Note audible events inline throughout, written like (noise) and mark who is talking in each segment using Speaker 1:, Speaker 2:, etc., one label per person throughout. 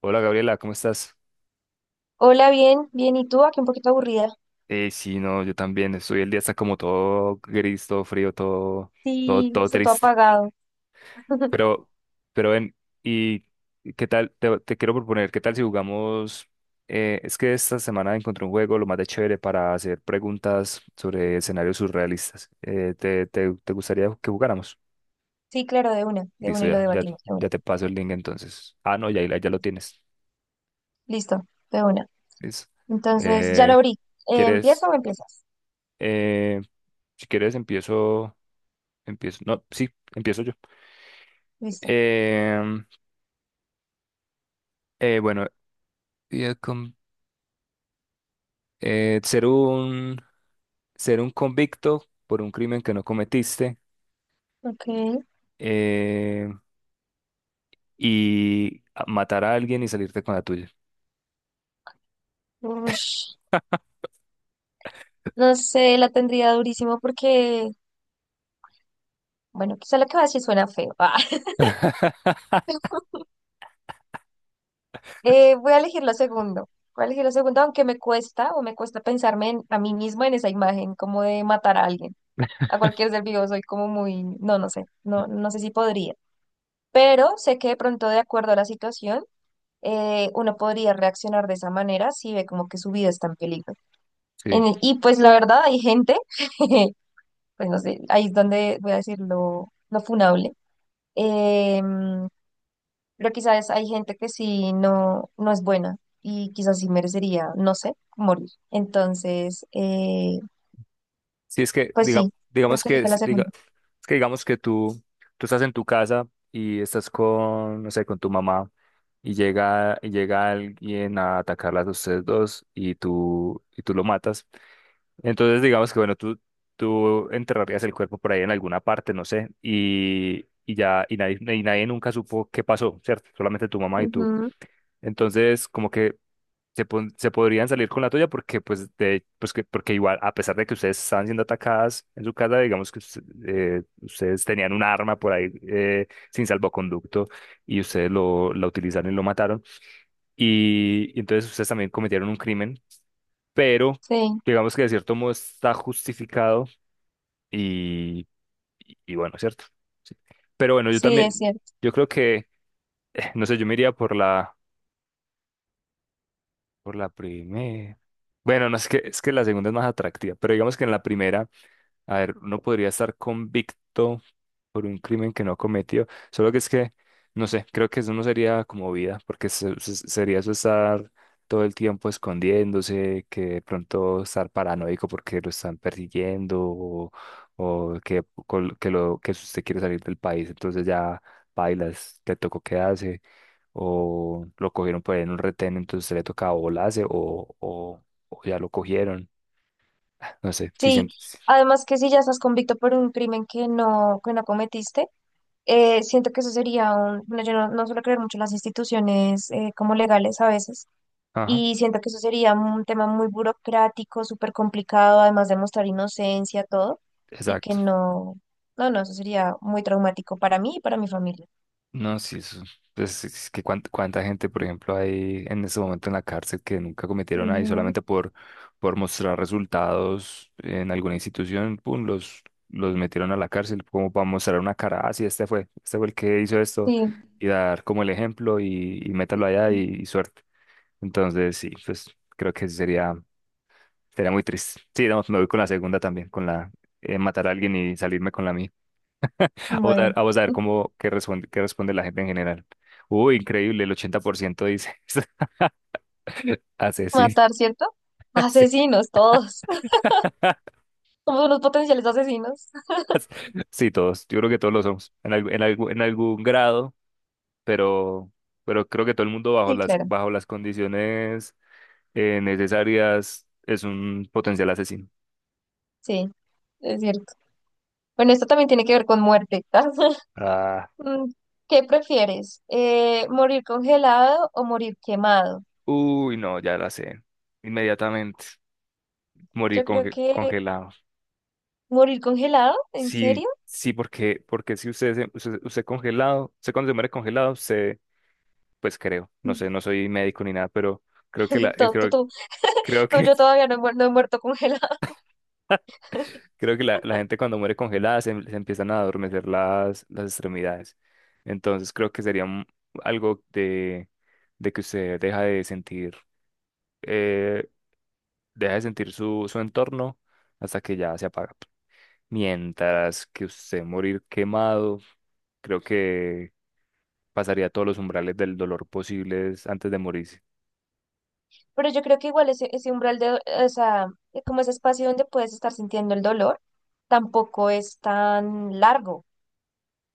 Speaker 1: Hola Gabriela, ¿cómo estás?
Speaker 2: Hola, bien, bien. ¿Y tú? Aquí un poquito aburrida.
Speaker 1: Sí, no, yo también. Estoy El día está como todo gris, todo frío, todo, todo,
Speaker 2: Sí,
Speaker 1: todo
Speaker 2: está todo
Speaker 1: triste.
Speaker 2: apagado. (laughs)
Speaker 1: Pero, pero ven, ¿y qué tal? Te quiero proponer, ¿qué tal si jugamos? Es que esta semana encontré un juego lo más de chévere para hacer preguntas sobre escenarios surrealistas. ¿Te gustaría que jugáramos?
Speaker 2: Sí, claro, de
Speaker 1: Listo,
Speaker 2: una y lo
Speaker 1: ya, ya,
Speaker 2: debatimos, de una.
Speaker 1: ya te paso el link entonces. Ah, no, ya lo tienes.
Speaker 2: Listo, de una.
Speaker 1: Listo.
Speaker 2: Entonces, ya lo
Speaker 1: Eh,
Speaker 2: abrí. ¿Empiezo
Speaker 1: ¿Quieres?
Speaker 2: o empiezas?
Speaker 1: eh, si quieres, empiezo. Empiezo. No, sí, empiezo yo.
Speaker 2: Listo.
Speaker 1: Em, bueno, y el eh, ser un, ser un convicto por un crimen que no cometiste
Speaker 2: Ok.
Speaker 1: eh, y matar a alguien y salirte con la tuya.
Speaker 2: Ush, no sé, la tendría durísimo porque, bueno, quizá lo que va a decir suena feo. (laughs) Ah. Voy a elegir lo segundo. Voy a elegir lo segundo, aunque me cuesta o me cuesta pensarme a mí misma en esa imagen, como de matar a alguien, a cualquier ser vivo. Soy como muy, no, no sé, no sé si podría. Pero sé que de pronto, de acuerdo a la situación, uno podría reaccionar de esa manera si ve como que su vida está en peligro.
Speaker 1: Sí.
Speaker 2: Y pues la verdad, hay gente, (laughs) pues no sé, ahí es donde voy a decir lo funable. em, pero quizás hay gente que sí no, no es buena y quizás sí merecería, no sé, morir. Entonces,
Speaker 1: Sí, es que
Speaker 2: pues sí, creo
Speaker 1: digamos
Speaker 2: que
Speaker 1: que
Speaker 2: elijo la segunda.
Speaker 1: es que digamos que tú estás en tu casa y estás con, no sé, con tu mamá y llega alguien a atacarlas a ustedes dos y tú lo matas. Entonces, digamos que, bueno, tú enterrarías el cuerpo por ahí en alguna parte, no sé, y, y nadie nunca supo qué pasó, ¿cierto? Solamente tu mamá y tú.
Speaker 2: Ujú,
Speaker 1: Entonces, como que se podrían salir con la tuya porque, porque igual, a pesar de que ustedes estaban siendo atacadas en su casa, digamos que ustedes tenían un arma por ahí, sin salvoconducto y ustedes lo, la utilizaron y lo mataron. Y entonces ustedes también cometieron un crimen, pero
Speaker 2: sí,
Speaker 1: digamos que de cierto modo está justificado y, y bueno, ¿cierto? Sí. Pero bueno, yo
Speaker 2: sí, es
Speaker 1: también,
Speaker 2: cierto.
Speaker 1: yo creo que, no sé, yo me iría por la primera. Bueno, no es que, es que la segunda es más atractiva, pero digamos que en la primera. A ver, uno podría estar convicto por un crimen que no cometió, solo que es que, no sé, creo que eso no sería como vida, porque sería eso estar todo el tiempo escondiéndose, que de pronto estar paranoico porque lo están persiguiendo o que, col- que, lo, que usted quiere salir del país, entonces ya bailas, te tocó quedarse, o lo cogieron por ahí en un retén, entonces le tocaba volarse o ya lo cogieron, no sé, si
Speaker 2: Sí,
Speaker 1: sientes.
Speaker 2: además que si ya estás convicto por un crimen que no cometiste, siento que eso sería un, bueno, yo no, no suelo creer mucho en las instituciones como legales a veces,
Speaker 1: Ajá.
Speaker 2: y siento que eso sería un tema muy burocrático, súper complicado, además de mostrar inocencia, todo, y que
Speaker 1: Exacto.
Speaker 2: no, no, eso sería muy traumático para mí y para mi familia.
Speaker 1: No, sí, eso. Pues es que cuánta gente, por ejemplo, hay en este momento en la cárcel que nunca cometieron nada y
Speaker 2: Ujú.
Speaker 1: solamente por mostrar resultados en alguna institución, pum, los metieron a la cárcel como para mostrar una cara, ah, sí, este fue el que hizo esto,
Speaker 2: Sí,
Speaker 1: y dar como el ejemplo y métalo allá y suerte. Entonces, sí, pues creo que sí sería muy triste. Sí, no, me voy con la segunda también, con la matar a alguien y salirme con la mía. Vamos a
Speaker 2: bueno.
Speaker 1: ver, vamos a ver
Speaker 2: (laughs)
Speaker 1: cómo qué responde la gente en general. Uy, increíble, el 80% dice (laughs) asesina.
Speaker 2: Matar, ¿cierto?
Speaker 1: (laughs) Sí,
Speaker 2: Asesinos, todos. (laughs)
Speaker 1: (laughs)
Speaker 2: Somos unos potenciales asesinos.
Speaker 1: sí, todos. Yo creo que todos lo somos en algún grado, pero, pero creo que todo el mundo bajo
Speaker 2: Sí,
Speaker 1: las,
Speaker 2: claro,
Speaker 1: bajo las condiciones necesarias es un potencial asesino.
Speaker 2: sí, es cierto. Bueno, esto también tiene que ver con muerte. (laughs)
Speaker 1: Ah,
Speaker 2: Mm. ¿Qué prefieres? ¿Morir congelado o morir quemado?
Speaker 1: uy, no, ya la sé. Inmediatamente morir
Speaker 2: Yo creo que
Speaker 1: congelado.
Speaker 2: morir congelado, ¿en
Speaker 1: Sí,
Speaker 2: serio?
Speaker 1: sí, porque, porque si usted congelado, usted cuando se muere congelado, se pues creo, no
Speaker 2: Mm.
Speaker 1: sé, no soy médico ni nada, pero creo que la,
Speaker 2: (laughs)
Speaker 1: eh,
Speaker 2: Tú, tú-
Speaker 1: creo,
Speaker 2: tú-
Speaker 1: creo
Speaker 2: tú,
Speaker 1: que,
Speaker 2: yo
Speaker 1: (laughs)
Speaker 2: todavía no he, no he muerto congelado.
Speaker 1: creo que la gente cuando muere congelada se empiezan a adormecer las extremidades. Entonces creo que sería algo de que usted eh, deja de sentir su entorno hasta que ya se apaga. Mientras que usted morir quemado, creo que pasaría todos los umbrales del dolor posibles antes de morirse.
Speaker 2: (laughs) Pero yo creo que igual ese, ese umbral o sea, como ese espacio donde puedes estar sintiendo el dolor, tampoco es tan largo,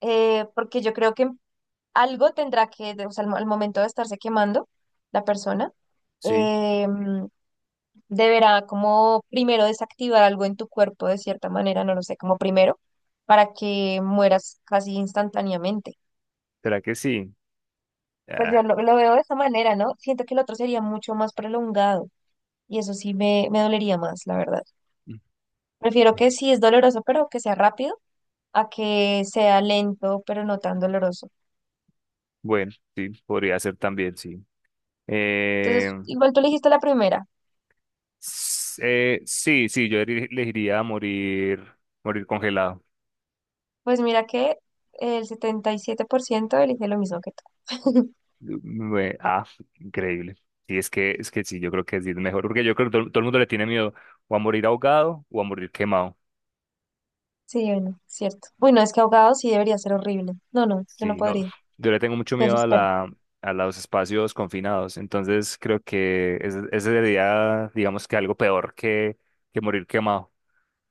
Speaker 2: porque yo creo que algo tendrá que, o sea, al momento de estarse quemando la persona,
Speaker 1: Sí,
Speaker 2: eh, deberá como primero desactivar algo en tu cuerpo de cierta manera, no lo sé, como primero, para que mueras casi instantáneamente.
Speaker 1: ¿será que sí?
Speaker 2: Pues yo lo veo de esa manera, ¿no? Siento que el otro sería mucho más prolongado y eso sí me dolería más, la verdad. Prefiero
Speaker 1: Ah.
Speaker 2: que sí es doloroso, pero que sea rápido, a que sea lento, pero no tan doloroso.
Speaker 1: Bueno, sí, podría ser también, sí. Eh,
Speaker 2: Entonces, igual tú elegiste la primera.
Speaker 1: sí, sí, yo elegiría morir congelado.
Speaker 2: Pues mira que el 77% elige lo mismo que tú. (laughs)
Speaker 1: Ah, increíble. Sí, es que sí, yo creo que sí es mejor, porque yo creo que todo el mundo le tiene miedo o a morir ahogado o a morir quemado.
Speaker 2: Sí, bueno, cierto. Uy, no, es que ahogado sí debería ser horrible. No, no, yo no
Speaker 1: Sí, no,
Speaker 2: podría.
Speaker 1: yo le tengo mucho
Speaker 2: Qué
Speaker 1: miedo
Speaker 2: espero.
Speaker 1: a los espacios confinados, entonces creo que ese sería, digamos que algo peor que morir quemado.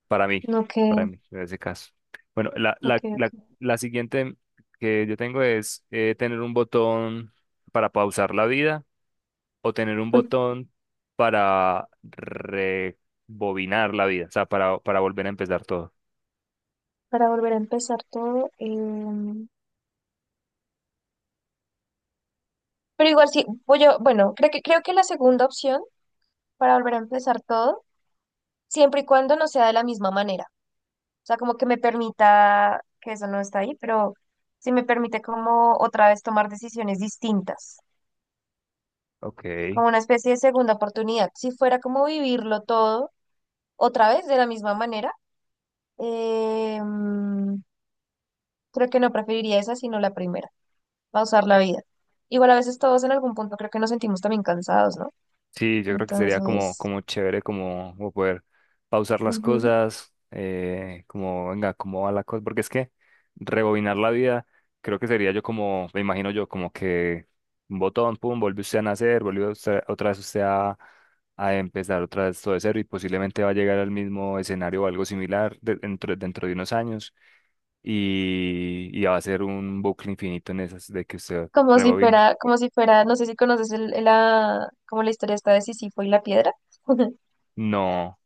Speaker 1: Para mí,
Speaker 2: No, que,
Speaker 1: para mí, en ese caso. Bueno, la,
Speaker 2: ok,
Speaker 1: la, la,
Speaker 2: ok.
Speaker 1: la siguiente que yo tengo es tener un botón para pausar la vida o tener un
Speaker 2: Mm.
Speaker 1: botón para rebobinar la vida, o sea, para volver a empezar todo.
Speaker 2: Para volver a empezar todo. Pero igual sí, bueno, creo que la segunda opción para volver a empezar todo, siempre y cuando no sea de la misma manera. O sea, como que me permita, que eso no está ahí, pero sí me permite como otra vez tomar decisiones distintas,
Speaker 1: Ok.
Speaker 2: como una especie de segunda oportunidad. Si fuera como vivirlo todo otra vez de la misma manera. Em, Creo que no preferiría esa, sino la primera, pausar la vida. Igual a veces todos en algún punto creo que nos sentimos también cansados, ¿no?
Speaker 1: Sí, yo creo que sería como,
Speaker 2: Entonces,
Speaker 1: como chévere, como poder pausar las
Speaker 2: ujú.
Speaker 1: cosas, como, venga, cómo va la cosa, porque es que rebobinar la vida, creo que sería yo como, me imagino yo, como que un botón, pum, vuelve usted a nacer, otra vez usted a empezar otra vez todo de cero y posiblemente va a llegar al mismo escenario o algo similar dentro de unos años y va a ser un bucle infinito en esas de que usted rebobine.
Speaker 2: Como si fuera, no sé si conoces como la historia está de Sísifo y la piedra. (laughs)
Speaker 1: No,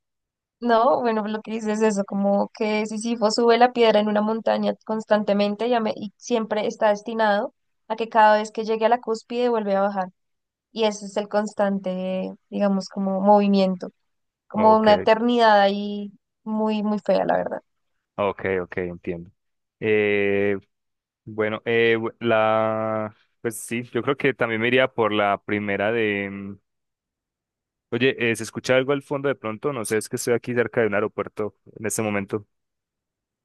Speaker 2: No, bueno, lo que dices es eso, como que Sísifo sube la piedra en una montaña constantemente y, y siempre está destinado a que cada vez que llegue a la cúspide vuelve a bajar. Y ese es el constante, digamos, como movimiento, como una
Speaker 1: ok.
Speaker 2: eternidad ahí muy, muy fea, la verdad.
Speaker 1: Ok, ok, entiendo. Eh, bueno, pues sí, yo creo que también me iría por la primera de. Oye, ¿se escucha algo al fondo de pronto? No sé, es que estoy aquí cerca de un aeropuerto en este momento.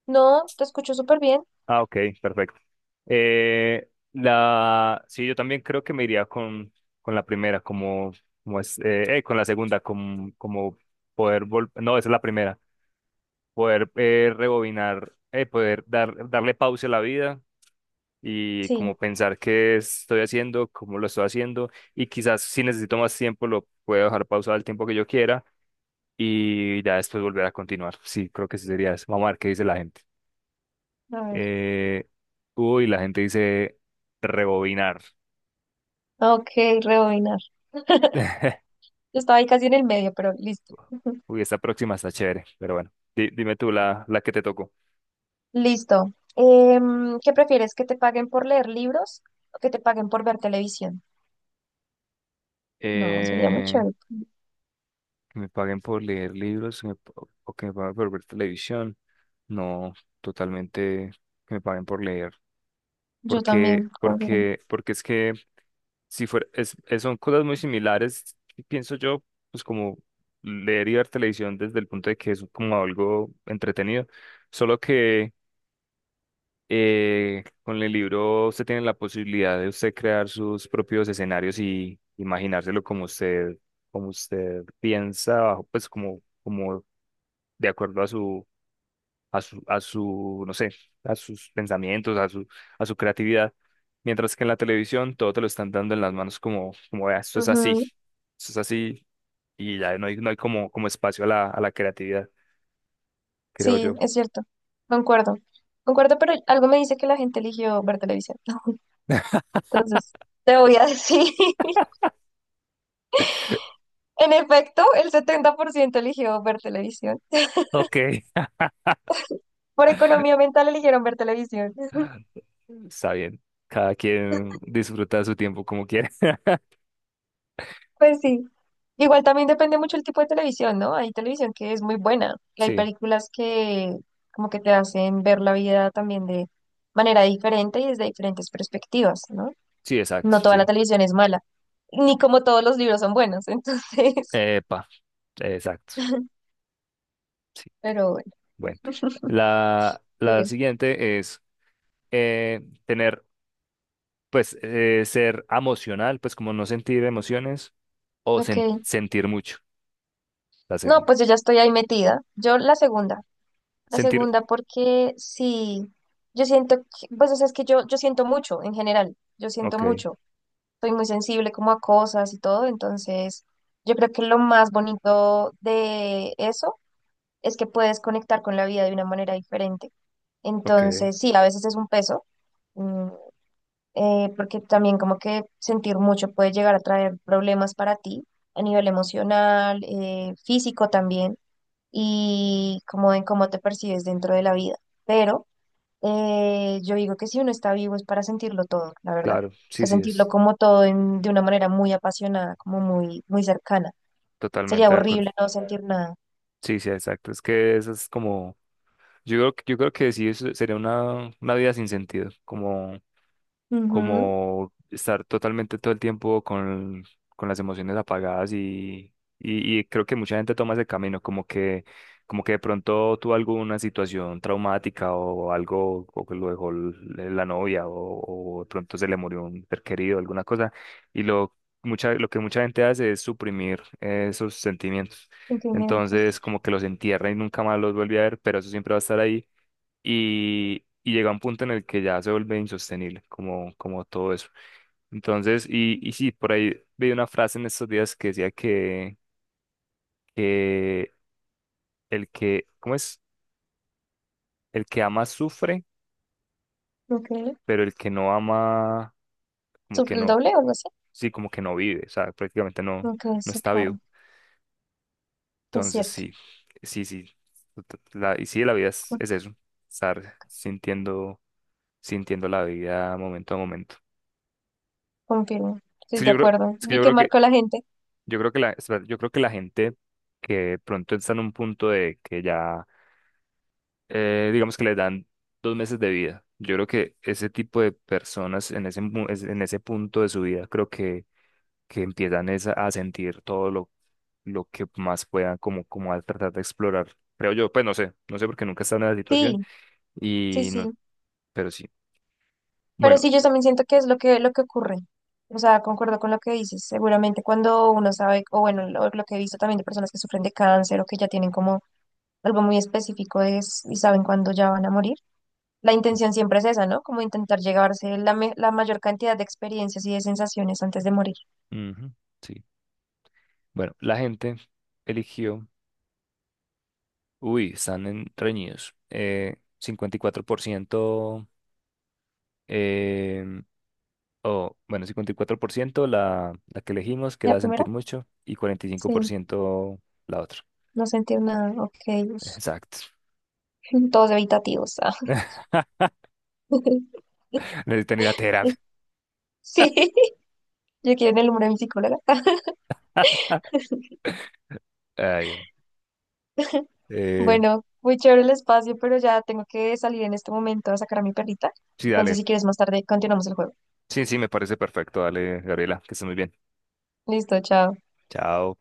Speaker 2: No, te escucho súper bien.
Speaker 1: Ah, ok, perfecto. Sí, yo también creo que me iría con la primera, como es, con la segunda, como poder no, esa es la primera, poder rebobinar, poder darle pausa a la vida y
Speaker 2: Sí,
Speaker 1: como pensar qué estoy haciendo, cómo lo estoy haciendo y quizás si necesito más tiempo lo puedo dejar pausado el tiempo que yo quiera y ya después volver a continuar. Sí, creo que sí sería eso. Vamos a ver qué dice la gente.
Speaker 2: a ver.
Speaker 1: Eh, Uy, la gente dice rebobinar.
Speaker 2: Ok, rebobinar. Yo estaba ahí casi en el medio, pero listo. (laughs)
Speaker 1: Uy, esta próxima está chévere, pero bueno, dime tú la que te tocó.
Speaker 2: Listo. ¿Qué prefieres? ¿Que te paguen por leer libros o que te paguen por ver televisión? No, sería muy
Speaker 1: Eh,
Speaker 2: chévere.
Speaker 1: que me paguen por leer libros, o que me paguen por ver televisión. No, totalmente que me paguen por leer.
Speaker 2: Yo
Speaker 1: porque,
Speaker 2: también, confirmo.
Speaker 1: porque, porque es que si fuera, son cosas muy similares, pienso yo, pues como leer y ver televisión desde el punto de que es como algo entretenido, solo que con el libro usted tiene la posibilidad de usted crear sus propios escenarios y imaginárselo como usted piensa, bajo, pues como, como de acuerdo no sé, a sus pensamientos, a su creatividad. Mientras que en la televisión todo te lo están dando en las manos como vea, esto es así,
Speaker 2: Ujú.
Speaker 1: es así, y ya no hay como espacio a la creatividad, creo
Speaker 2: Sí,
Speaker 1: yo.
Speaker 2: es cierto. Concuerdo. Concuerdo, pero algo me dice que la gente eligió ver televisión. (laughs) Entonces, te voy a decir, (laughs) en efecto, el 70% eligió ver televisión.
Speaker 1: Ok, (laughs)
Speaker 2: Por economía mental eligieron ver televisión.
Speaker 1: está bien. Cada quien disfruta su tiempo como quiere. (laughs)
Speaker 2: Pues sí. Igual también depende mucho el tipo de televisión, ¿no? Hay televisión que es muy buena y hay
Speaker 1: Sí,
Speaker 2: películas que como que te hacen ver la vida también de manera diferente y desde diferentes perspectivas, ¿no?
Speaker 1: sí, exacto,
Speaker 2: No toda la
Speaker 1: sí.
Speaker 2: televisión es mala, ni como todos los libros son buenos, (laughs) entonces,
Speaker 1: Epa, exacto. Sí.
Speaker 2: pero bueno,
Speaker 1: Bueno, la
Speaker 2: sigue.
Speaker 1: siguiente es eh, tener, ser emocional, pues como no sentir emociones o
Speaker 2: Ok.
Speaker 1: sentir mucho, la
Speaker 2: No,
Speaker 1: segunda.
Speaker 2: pues yo ya estoy ahí metida. Yo la
Speaker 1: Sentir,
Speaker 2: segunda porque sí, yo siento, pues o sea, es que yo siento mucho en general, yo siento
Speaker 1: ok,
Speaker 2: mucho. Soy muy sensible como a cosas y todo, entonces yo creo que lo más bonito de eso es que puedes conectar con la vida de una manera diferente.
Speaker 1: ok,
Speaker 2: Entonces, sí, a veces es un peso, mm, porque también como que sentir mucho puede llegar a traer problemas para ti a nivel emocional, físico también, y como en cómo te percibes dentro de la vida. Pero yo digo que si uno está vivo es para sentirlo todo, la verdad.
Speaker 1: claro,
Speaker 2: O
Speaker 1: sí,
Speaker 2: sea,
Speaker 1: sí,
Speaker 2: sentirlo
Speaker 1: es
Speaker 2: como todo de una manera muy apasionada, como muy, muy cercana. Sería
Speaker 1: totalmente de acuerdo.
Speaker 2: horrible no sentir nada.
Speaker 1: Sí, sí, exacto. Es que eso es como, yo creo que sí, eso sería una vida sin sentido,
Speaker 2: Ujú.
Speaker 1: como estar totalmente todo el tiempo con las emociones apagadas y creo que mucha gente toma ese camino, como que de pronto tuvo alguna situación traumática o algo, o que lo dejó la novia o de pronto se le murió un ser querido, alguna cosa, y lo, lo que mucha gente hace es suprimir esos sentimientos.
Speaker 2: Sentimientos.
Speaker 1: Entonces, como que los entierra y nunca más los vuelve a ver, pero eso siempre va a estar ahí y llega un punto en el que ya se vuelve insostenible, como todo eso. Entonces, y sí, por ahí vi una frase en estos días que decía que el que, ¿cómo es? El que ama sufre,
Speaker 2: Ok.
Speaker 1: pero el que no ama, como que
Speaker 2: ¿Sufre el
Speaker 1: no,
Speaker 2: doble o algo así?
Speaker 1: sí, como que no vive, o sea, prácticamente no,
Speaker 2: Ok,
Speaker 1: no
Speaker 2: sí,
Speaker 1: está
Speaker 2: claro.
Speaker 1: vivo.
Speaker 2: Es
Speaker 1: Entonces,
Speaker 2: cierto.
Speaker 1: sí, sí, sí, y sí, la vida
Speaker 2: co-
Speaker 1: es eso, estar sintiendo la vida momento a momento.
Speaker 2: Confirmo.
Speaker 1: Es
Speaker 2: Estoy
Speaker 1: que
Speaker 2: de
Speaker 1: yo creo,
Speaker 2: acuerdo.
Speaker 1: es que
Speaker 2: Vi
Speaker 1: yo
Speaker 2: que
Speaker 1: creo que
Speaker 2: marcó la gente.
Speaker 1: Espera, yo creo que la gente que de pronto está en un punto de que ya, digamos que les dan 2 meses de vida. Yo creo que ese tipo de personas en ese punto de su vida, creo que empiezan es a sentir todo lo que más puedan, como a tratar de explorar. Creo yo, pues no sé porque nunca he estado en esa situación
Speaker 2: Sí, sí,
Speaker 1: y no,
Speaker 2: sí.
Speaker 1: pero sí.
Speaker 2: Pero
Speaker 1: Bueno,
Speaker 2: sí, yo también siento que es lo que ocurre. O sea, concuerdo con lo que dices. Seguramente cuando uno sabe, o bueno, lo que he visto también de personas que sufren de cáncer o que ya tienen como algo muy específico es y saben cuándo ya van a morir. La intención siempre es esa, ¿no? Como intentar llevarse la, la mayor cantidad de experiencias y de sensaciones antes de morir.
Speaker 1: ujú, sí. Bueno, la gente eligió. Uy, están en reñidos. 54%, em, o bueno, 54% la que elegimos, que
Speaker 2: ¿La
Speaker 1: era
Speaker 2: primera?
Speaker 1: sentir mucho, y cuarenta y cinco
Speaker 2: Sí,
Speaker 1: por ciento la otra.
Speaker 2: no sentir nada, ok. Uf.
Speaker 1: Exacto.
Speaker 2: (laughs) Todos evitativos. Ah.
Speaker 1: (laughs)
Speaker 2: (laughs)
Speaker 1: Necesitan ir a terapia.
Speaker 2: Sí, yo quiero el número de mi psicóloga. (laughs)
Speaker 1: Ay, eh,
Speaker 2: Bueno, muy chévere el espacio, pero ya tengo que salir en este momento a sacar a mi perrita.
Speaker 1: sí,
Speaker 2: Entonces,
Speaker 1: dale.
Speaker 2: si quieres más tarde, continuamos el juego.
Speaker 1: Sí, sí, me parece perfecto. Dale, Gabriela, que estés muy bien.
Speaker 2: Listo, chao.
Speaker 1: Chao.